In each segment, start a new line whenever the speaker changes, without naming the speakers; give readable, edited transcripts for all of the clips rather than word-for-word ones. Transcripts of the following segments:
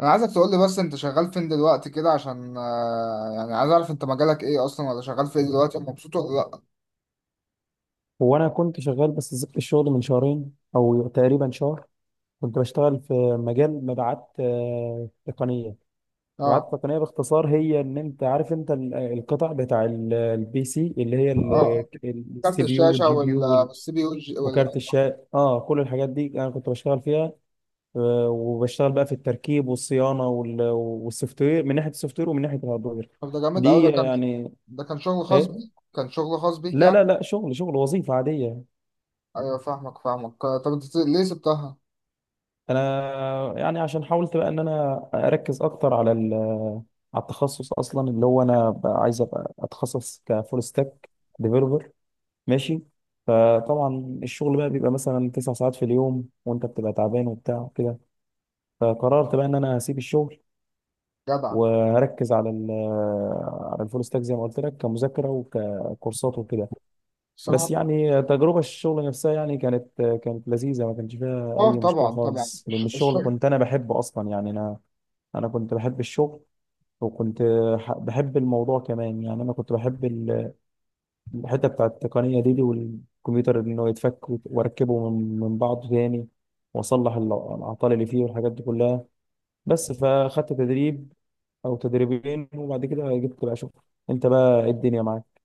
انا عايزك تقول لي بس انت شغال فين دلوقتي كده عشان يعني عايز اعرف انت مجالك ايه اصلا ولا شغال في ايه دلوقتي ومبسوط ولا لا.
هو انا كنت شغال، بس سبت الشغل من شهرين او تقريبا شهر. كنت بشتغل في مجال مبيعات تقنيه. مبيعات
اه.
تقنيه باختصار هي ان انت عارف انت القطع بتاع البي سي اللي هي
اه كارت
السي بي يو
الشاشه
والجي بي يو
والسي بي يو
وكارت الشاشه. اه كل الحاجات دي انا كنت بشتغل فيها. وبشتغل بقى في التركيب والصيانه والسوفت وير من ناحيه السوفت وير ومن ناحيه الهاردوير.
طب ده جامد قوي. ده
دي
كان،
يعني
ده كان شغل خاص بيك،
ايه.
كان شغل خاص بيك
لا
يعني.
لا لا، شغل شغل وظيفه عاديه.
ايوه، فاهمك فاهمك، طب انت ليه سبتها؟
انا يعني عشان حاولت بقى ان انا اركز اكتر على على التخصص اصلا، اللي هو انا بقى عايز ابقى اتخصص كفول ستاك ديفلوبر. ماشي. فطبعا الشغل بقى بيبقى مثلا 9 ساعات في اليوم، وانت بتبقى تعبان وبتاع كده. فقررت بقى ان انا هسيب الشغل
جدع.
وهركز على على الفول ستاك زي ما قلت لك، كمذاكره وككورسات وكده. بس
الصراحه
يعني تجربه الشغل نفسها يعني كانت لذيذه، ما كانش فيها
اه
اي مشكله
طبعا طبعا.
خالص، لان الشغل كنت انا بحبه اصلا. يعني انا كنت بحب الشغل، وكنت بحب الموضوع كمان. يعني انا كنت بحب الحته بتاع التقنيه دي والكمبيوتر، انه يتفك واركبه من بعضه تاني، واصلح الاعطال اللي فيه والحاجات دي كلها. بس فاخدت تدريب او تدريبين، وبعد كده جبت بقى شغل. انت بقى إيه الدنيا معاك؟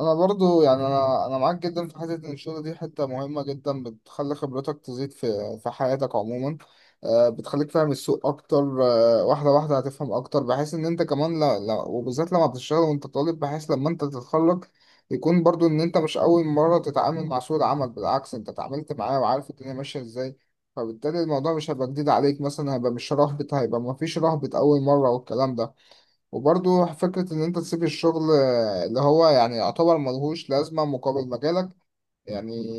انا برضو يعني انا معاك جدا في حته ان الشغل دي حته مهمه جدا، بتخلي خبرتك تزيد في حياتك عموما. بتخليك فاهم السوق اكتر، واحده واحده هتفهم اكتر، بحيث ان انت كمان لا لا، وبالذات لما بتشتغل وانت طالب، بحيث لما انت تتخرج يكون برضو ان انت مش اول مره تتعامل مع سوق العمل. بالعكس، انت اتعاملت معاه وعارف الدنيا ماشيه ازاي، فبالتالي الموضوع مش هيبقى جديد عليك. مثلا هيبقى مش رهبة، هيبقى مفيش رهبة أول مرة والكلام ده. وبرضه فكرة إن أنت تسيب الشغل اللي هو يعني يعتبر ملهوش لازمة مقابل مجالك يعني،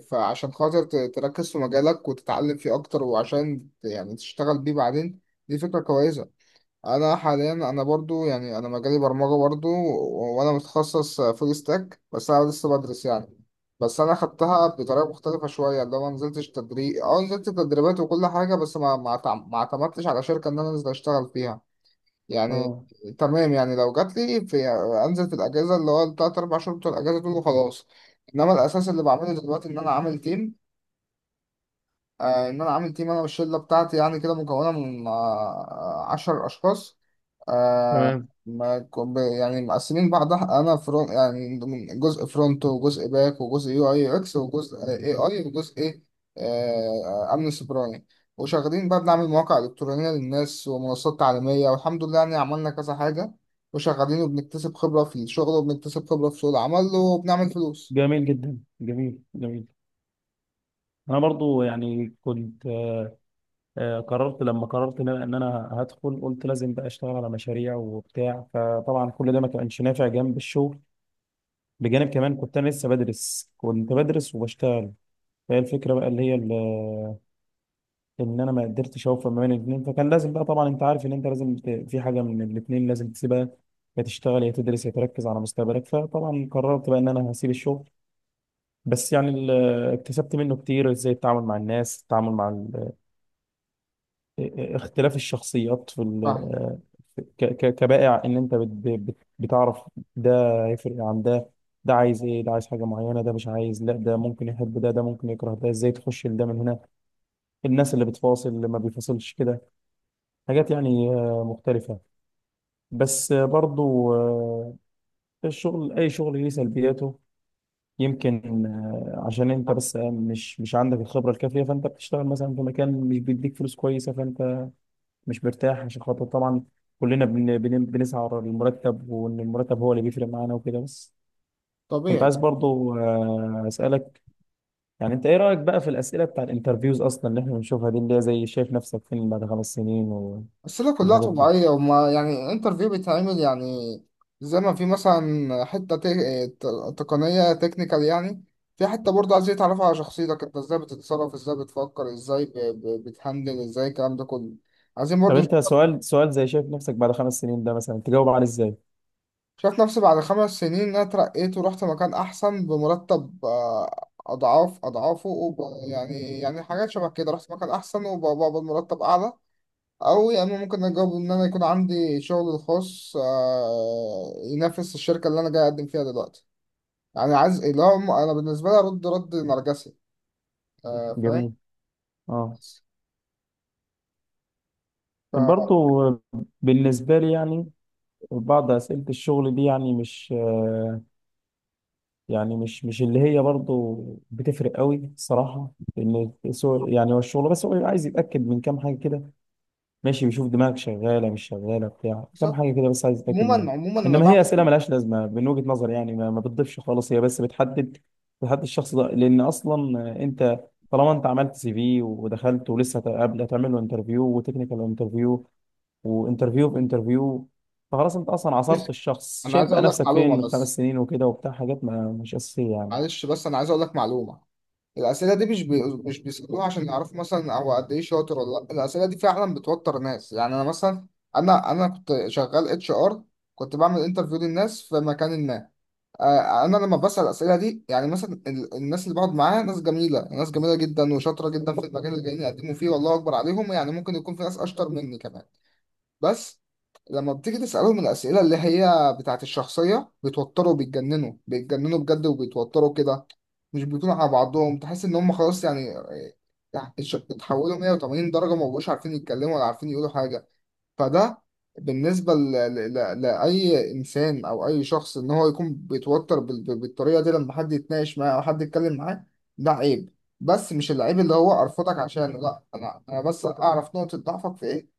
فعشان خاطر تركز في مجالك وتتعلم فيه أكتر، وعشان يعني تشتغل بيه بعدين، دي فكرة كويسة. أنا حاليا، أنا برضه يعني أنا مجالي برمجة برضه، وأنا متخصص فول ستاك، بس أنا لسه بدرس يعني. بس أنا خدتها بطريقة مختلفة شوية، اللي هو ما نزلتش تدريب، أه نزلت تدريبات وكل حاجة، بس ما اعتمدتش على شركة إن أنا أنزل أشتغل فيها يعني.
اه.
تمام، يعني لو جات لي في، انزل في الاجازه اللي هو التلات اربع شهور بتوع الاجازه دول وخلاص. انما الاساس اللي بعمله دلوقتي ان انا عامل تيم، ان انا عامل تيم انا والشله بتاعتي يعني كده، مكونه من عشر اشخاص. آه،
تمام.
ما ك- ب- يعني مقسمين بعضها، انا فرونت، يعني ضمن جزء فرونت وجزء باك وجزء يو اي يو اكس وجزء اي اي وجزء إيه؟ امن سيبراني. وشغالين بقى بنعمل مواقع الكترونيه للناس ومنصات تعليميه والحمد لله يعني عملنا كذا حاجه، وشغالين وبنكتسب خبره في الشغل وبنكتسب خبره في سوق العمل وبنعمل فلوس.
جميل جدا، جميل، جميل. انا برضو يعني كنت، قررت. لما قررت ان انا إن أنا هدخل، قلت لازم بقى اشتغل على مشاريع وبتاع. فطبعا كل ده ما كانش نافع جنب الشغل، بجانب كمان كنت انا لسه بدرس، كنت بدرس وبشتغل. فهي الفكره بقى اللي هي ان انا ما قدرتش اوفق ما بين الاثنين. فكان لازم بقى، طبعا انت عارف ان انت لازم في حاجه من الاثنين لازم تسيبها. يا تشتغل يا تدرس يا تركز على مستقبلك. فطبعا قررت بقى ان انا هسيب الشغل. بس يعني اكتسبت منه كتير. ازاي التعامل مع الناس، التعامل مع اختلاف الشخصيات في
فاهم.
كبائع. ان انت بت بت بتعرف ده هيفرق عن ده، ده عايز ايه، ده عايز حاجه معينه، ده مش عايز، لا ده ممكن يحب ده، ده ممكن يكره ده، ازاي تخش لده من هنا، الناس اللي بتفاصل اللي ما بيفاصلش كده، حاجات يعني مختلفه. بس برضو الشغل، اي شغل ليه سلبياته. يمكن عشان انت بس مش عندك الخبره الكافيه، فانت بتشتغل مثلا في مكان مش بيديك فلوس كويسه، فانت مش مرتاح عشان خاطر طبعا. كلنا بنسعى ورا المرتب، وان المرتب هو اللي بيفرق معانا وكده بس. كنت
طبيعي.
عايز برضو اسالك، يعني انت ايه رايك بقى في الاسئله بتاع الانترفيوز اصلا اللي احنا بنشوفها دي، اللي هي زي شايف نفسك فين بعد 5 سنين و...
الأسئلة كلها
والحاجات دي.
طبيعية، وما يعني انترفيو بيتعمل يعني زي ما في مثلا حتة تقنية تكنيكال يعني، في حتة برضه عايز يتعرف على شخصيتك، انت ازاي بتتصرف، ازاي بتفكر، ازاي بتهندل، ازاي الكلام ده كله. عايزين
طب
برضه.
انت سؤال، سؤال زي شايف نفسك بعد 5 سنين ده مثلا تجاوب عليه ازاي؟
شايف نفسي بعد 5 سنين إن انا اترقيت ورحت مكان احسن بمرتب اضعاف اضعافه يعني يعني حاجات شبه كده، رحت مكان احسن وبقبض مرتب اعلى. أو يا إما ممكن أجاوب إن أنا يكون عندي شغل الخاص ينافس الشركة اللي أنا جاي أقدم فيها دلوقتي، يعني عايز اللي هو أنا بالنسبة لي أرد رد نرجسي. فاهم.
جميل. اه.
ف-
برضو. بالنسبه لي يعني بعض اسئله الشغل دي يعني مش آه، يعني مش اللي هي برضو بتفرق قوي الصراحه. لان يعني هو الشغل بس هو عايز يتاكد من كام حاجه كده، ماشي، بيشوف دماغك شغاله مش شغاله بتاع كام
بالظبط.
حاجه كده بس، عايز يتاكد منها.
عموما عموما أنا
انما هي
بعمل،
اسئله ملهاش لازمه من وجهه نظري. يعني ما بتضيفش خالص، هي بس بتحدد. بتحدد الشخص ده، لان اصلا انت طالما انت عملت سي في ودخلت ولسه هتقابل، هتعمل له انترفيو وتكنيكال انترفيو وانترفيو في انترفيو، فخلاص انت اصلا
بس
عصرت الشخص.
أنا
شايف
عايز
بقى
أقول لك
نفسك فين من
معلومة، بس
5 سنين وكده وبتاع، حاجات ما مش اساسيه يعني.
معلش بس أنا عايز أقول لك معلومة. الأسئلة دي مش بيسألوها عشان يعرفوا مثلا هو قد إيه شاطر ولا لأ، الأسئلة دي فعلا بتوتر ناس. يعني أنا مثلا، أنا كنت شغال اتش ار، كنت بعمل انترفيو للناس في مكان ما. انا لما بسأل الاسئله دي يعني، مثلا الناس اللي بقعد معاها ناس جميله، ناس جميله جدا وشاطره جدا في المجال اللي جايين يقدموا فيه، والله اكبر عليهم، يعني ممكن يكون في ناس اشطر مني كمان. بس لما بتيجي تسالهم الاسئله اللي هي بتاعت الشخصيه، بيتوتروا، بيتجننوا بيتجننوا بجد وبيتوتروا كده، مش بيكونوا على بعضهم، تحس ان هم خلاص يعني، يعني اتحولوا 180 درجه، ما بقوش عارفين يتكلموا ولا عارفين يقولوا حاجه. فده بالنسبة لأي إنسان أو أي شخص، إن هو يكون بيتوتر بالطريقة دي لما حد يتناقش معاه أو حد يتكلم معاه، ده عيب. بس مش العيب اللي هو أرفضك عشانه لأ، أنا بس أعرف نقطة ضعفك في إيه.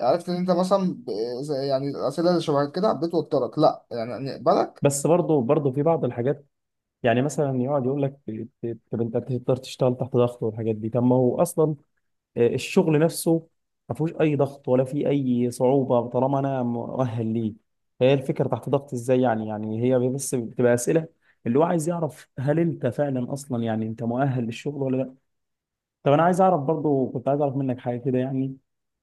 عرفت إن أنت مثلا يعني الأسئلة اللي شبه كده بتوترك، لأ يعني نقبلك.
بس برضه في بعض الحاجات. يعني مثلا يقعد يقول لك طب انت تقدر تشتغل تحت ضغط والحاجات دي. طب ما هو اصلا الشغل نفسه ما فيهوش اي ضغط ولا فيه اي صعوبه طالما انا مؤهل ليه. هي الفكره تحت ضغط ازاي يعني. يعني هي بس بتبقى اسئله اللي هو عايز يعرف هل انت فعلا اصلا يعني انت مؤهل للشغل ولا لا. طب انا عايز اعرف برضه، كنت عايز اعرف منك حاجه كده يعني.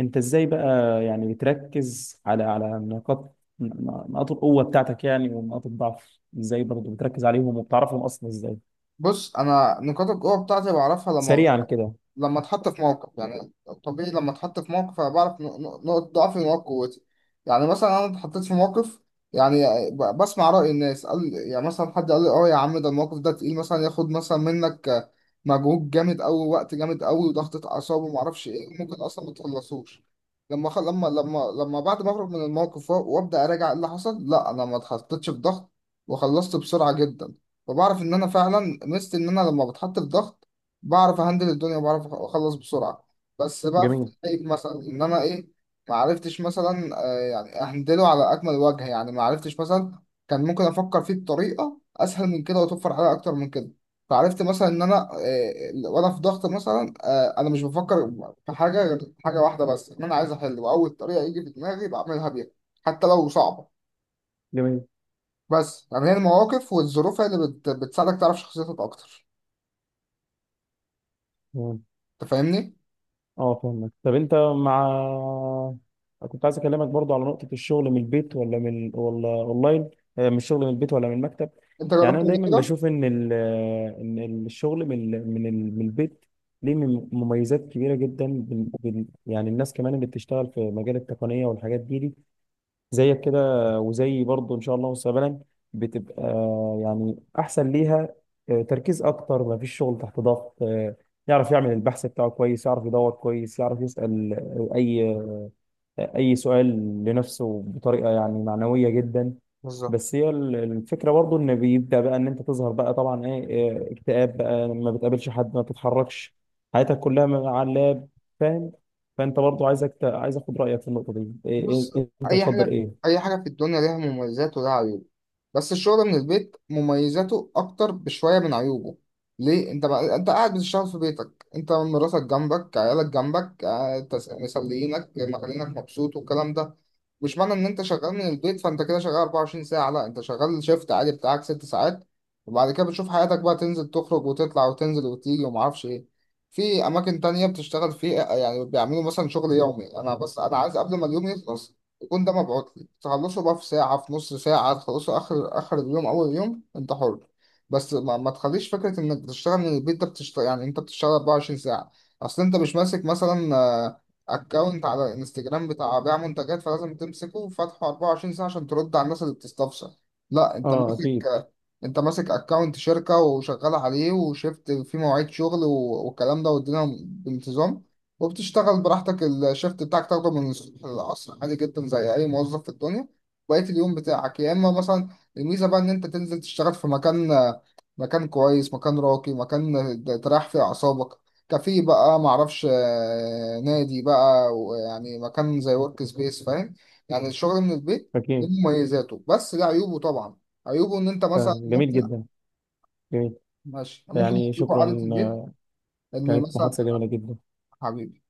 انت ازاي بقى يعني بتركز على نقاط نقاط القوة بتاعتك يعني؟ ونقاط الضعف ازاي برضه بتركز عليهم وبتعرفهم اصلا ازاي؟
بص أنا نقاط القوة بتاعتي بعرفها لما،
سريعا كده.
لما اتحط في موقف يعني. طبيعي لما اتحط في موقف انا بعرف نقط ضعفي ونقط قوتي. يعني مثلا انا اتحطيت في موقف، يعني بسمع رأي الناس، قال يعني مثلا حد قال لي اه يا عم ده الموقف ده تقيل، مثلا ياخد مثلا منك مجهود جامد قوي، وقت جامد قوي وضغطة اعصاب وما اعرفش ايه، ممكن اصلا ما تخلصوش. لما لما بعد ما اخرج من الموقف وابدا اراجع إيه اللي حصل، لا انا ما اتحطيتش في ضغط وخلصت بسرعة جدا. فبعرف ان انا فعلا مست ان انا لما بتحط في ضغط بعرف اهندل الدنيا وبعرف اخلص بسرعه. بس بقى في
جميل.
حقيقة مثلا ان انا ايه، ما عرفتش مثلا يعني اهندله على اكمل وجه. يعني ما عرفتش مثلا كان ممكن افكر فيه بطريقه اسهل من كده وتوفر عليا اكتر من كده. فعرفت مثلا ان انا وانا في ضغط مثلا انا مش بفكر في حاجه غير حاجه واحده بس، ان انا عايز احل، واول طريقه يجي في دماغي بعملها بيها حتى لو صعبه.
جميل.
بس يعني هي المواقف والظروف هي اللي بتساعدك تعرف شخصيتك اكتر.
مم.
انت فاهمني؟
اه، فهمك. طب انت مع، كنت عايز اكلمك برضو على نقطة الشغل من البيت ولا من، ولا اونلاين. من الشغل، من البيت ولا من المكتب.
انت
يعني
جربت
انا
قبل
دايما
كده؟
بشوف ان ال... آه، ان الشغل من البيت ليه مميزات كبيرة جدا. يعني الناس كمان اللي بتشتغل في مجال التقنية والحاجات دي زيك كده، وزي برضه ان شاء الله مستقبلا، بتبقى يعني احسن ليها. تركيز اكتر، ما فيش شغل تحت ضغط. يعرف يعمل البحث بتاعه كويس، يعرف يدور كويس، يعرف يسأل اي سؤال لنفسه بطريقة يعني معنوية جدا.
بالظبط.
بس هي الفكرة برضه ان بيبدأ بقى ان انت تظهر بقى طبعا ايه اكتئاب بقى، ما بتقابلش حد، ما بتتحركش، حياتك كلها على اللاب. فاهم؟ فانت برضه عايزك عايز اخد رأيك في النقطة دي، إيه
بص،
إيه انت
أي
بتفضل
حاجة،
ايه؟
أي حاجة في الدنيا ليها مميزات ولها عيوب، بس الشغل من البيت مميزاته أكتر بشوية من عيوبه. ليه؟ أنت بقى أنت قاعد بتشتغل في بيتك، أنت مراتك جنبك، عيالك جنبك، مسلينك مخلينك مبسوط والكلام ده. مش معنى إن أنت شغال من البيت فأنت كده شغال 24 ساعة، لا أنت شغال شيفت عادي بتاعك 6 ساعات، وبعد كده بتشوف حياتك بقى، تنزل تخرج وتطلع وتنزل وتيجي ومعرفش إيه. في اماكن تانية بتشتغل فيه، يعني بيعملوا مثلا شغل يومي، انا بس انا عايز قبل ما اليوم يخلص يكون ده مبعوت لي، تخلصه بقى في ساعة، في نص ساعة تخلصه، اخر اخر اليوم اول يوم انت حر. بس ما تخليش فكرة انك بتشتغل من البيت ده بتشتغل يعني انت بتشتغل 24 ساعة. اصل انت مش ماسك مثلا اكونت على الانستجرام بتاع بيع منتجات فلازم تمسكه وفتحه 24 ساعة عشان ترد على الناس اللي بتستفسر، لا انت
اه
ماسك،
اكيد.
انت ماسك اكونت شركة وشغال عليه وشفت في مواعيد شغل والكلام ده والدنيا بانتظام، وبتشتغل براحتك، الشفت بتاعك تاخده من الصبح للعصر عادي جدا زي اي موظف في الدنيا. بقية اليوم بتاعك يا اما مثلا الميزة بقى ان انت تنزل تشتغل في مكان، مكان كويس، مكان راقي، مكان تريح فيه اعصابك، كافيه بقى معرفش نادي بقى، يعني مكان زي ورك سبيس فاهم. يعني الشغل من البيت له
اكيد.
مميزاته بس له عيوبه طبعا. عيوبه ان انت مثلا
فجميل
ممكن،
جدا، جميل،
ماشي ممكن،
يعني
عيوبه قعدة
شكرا.
البيت، ان
كانت
مثلا
محادثة جميلة جدا.
حبيبي.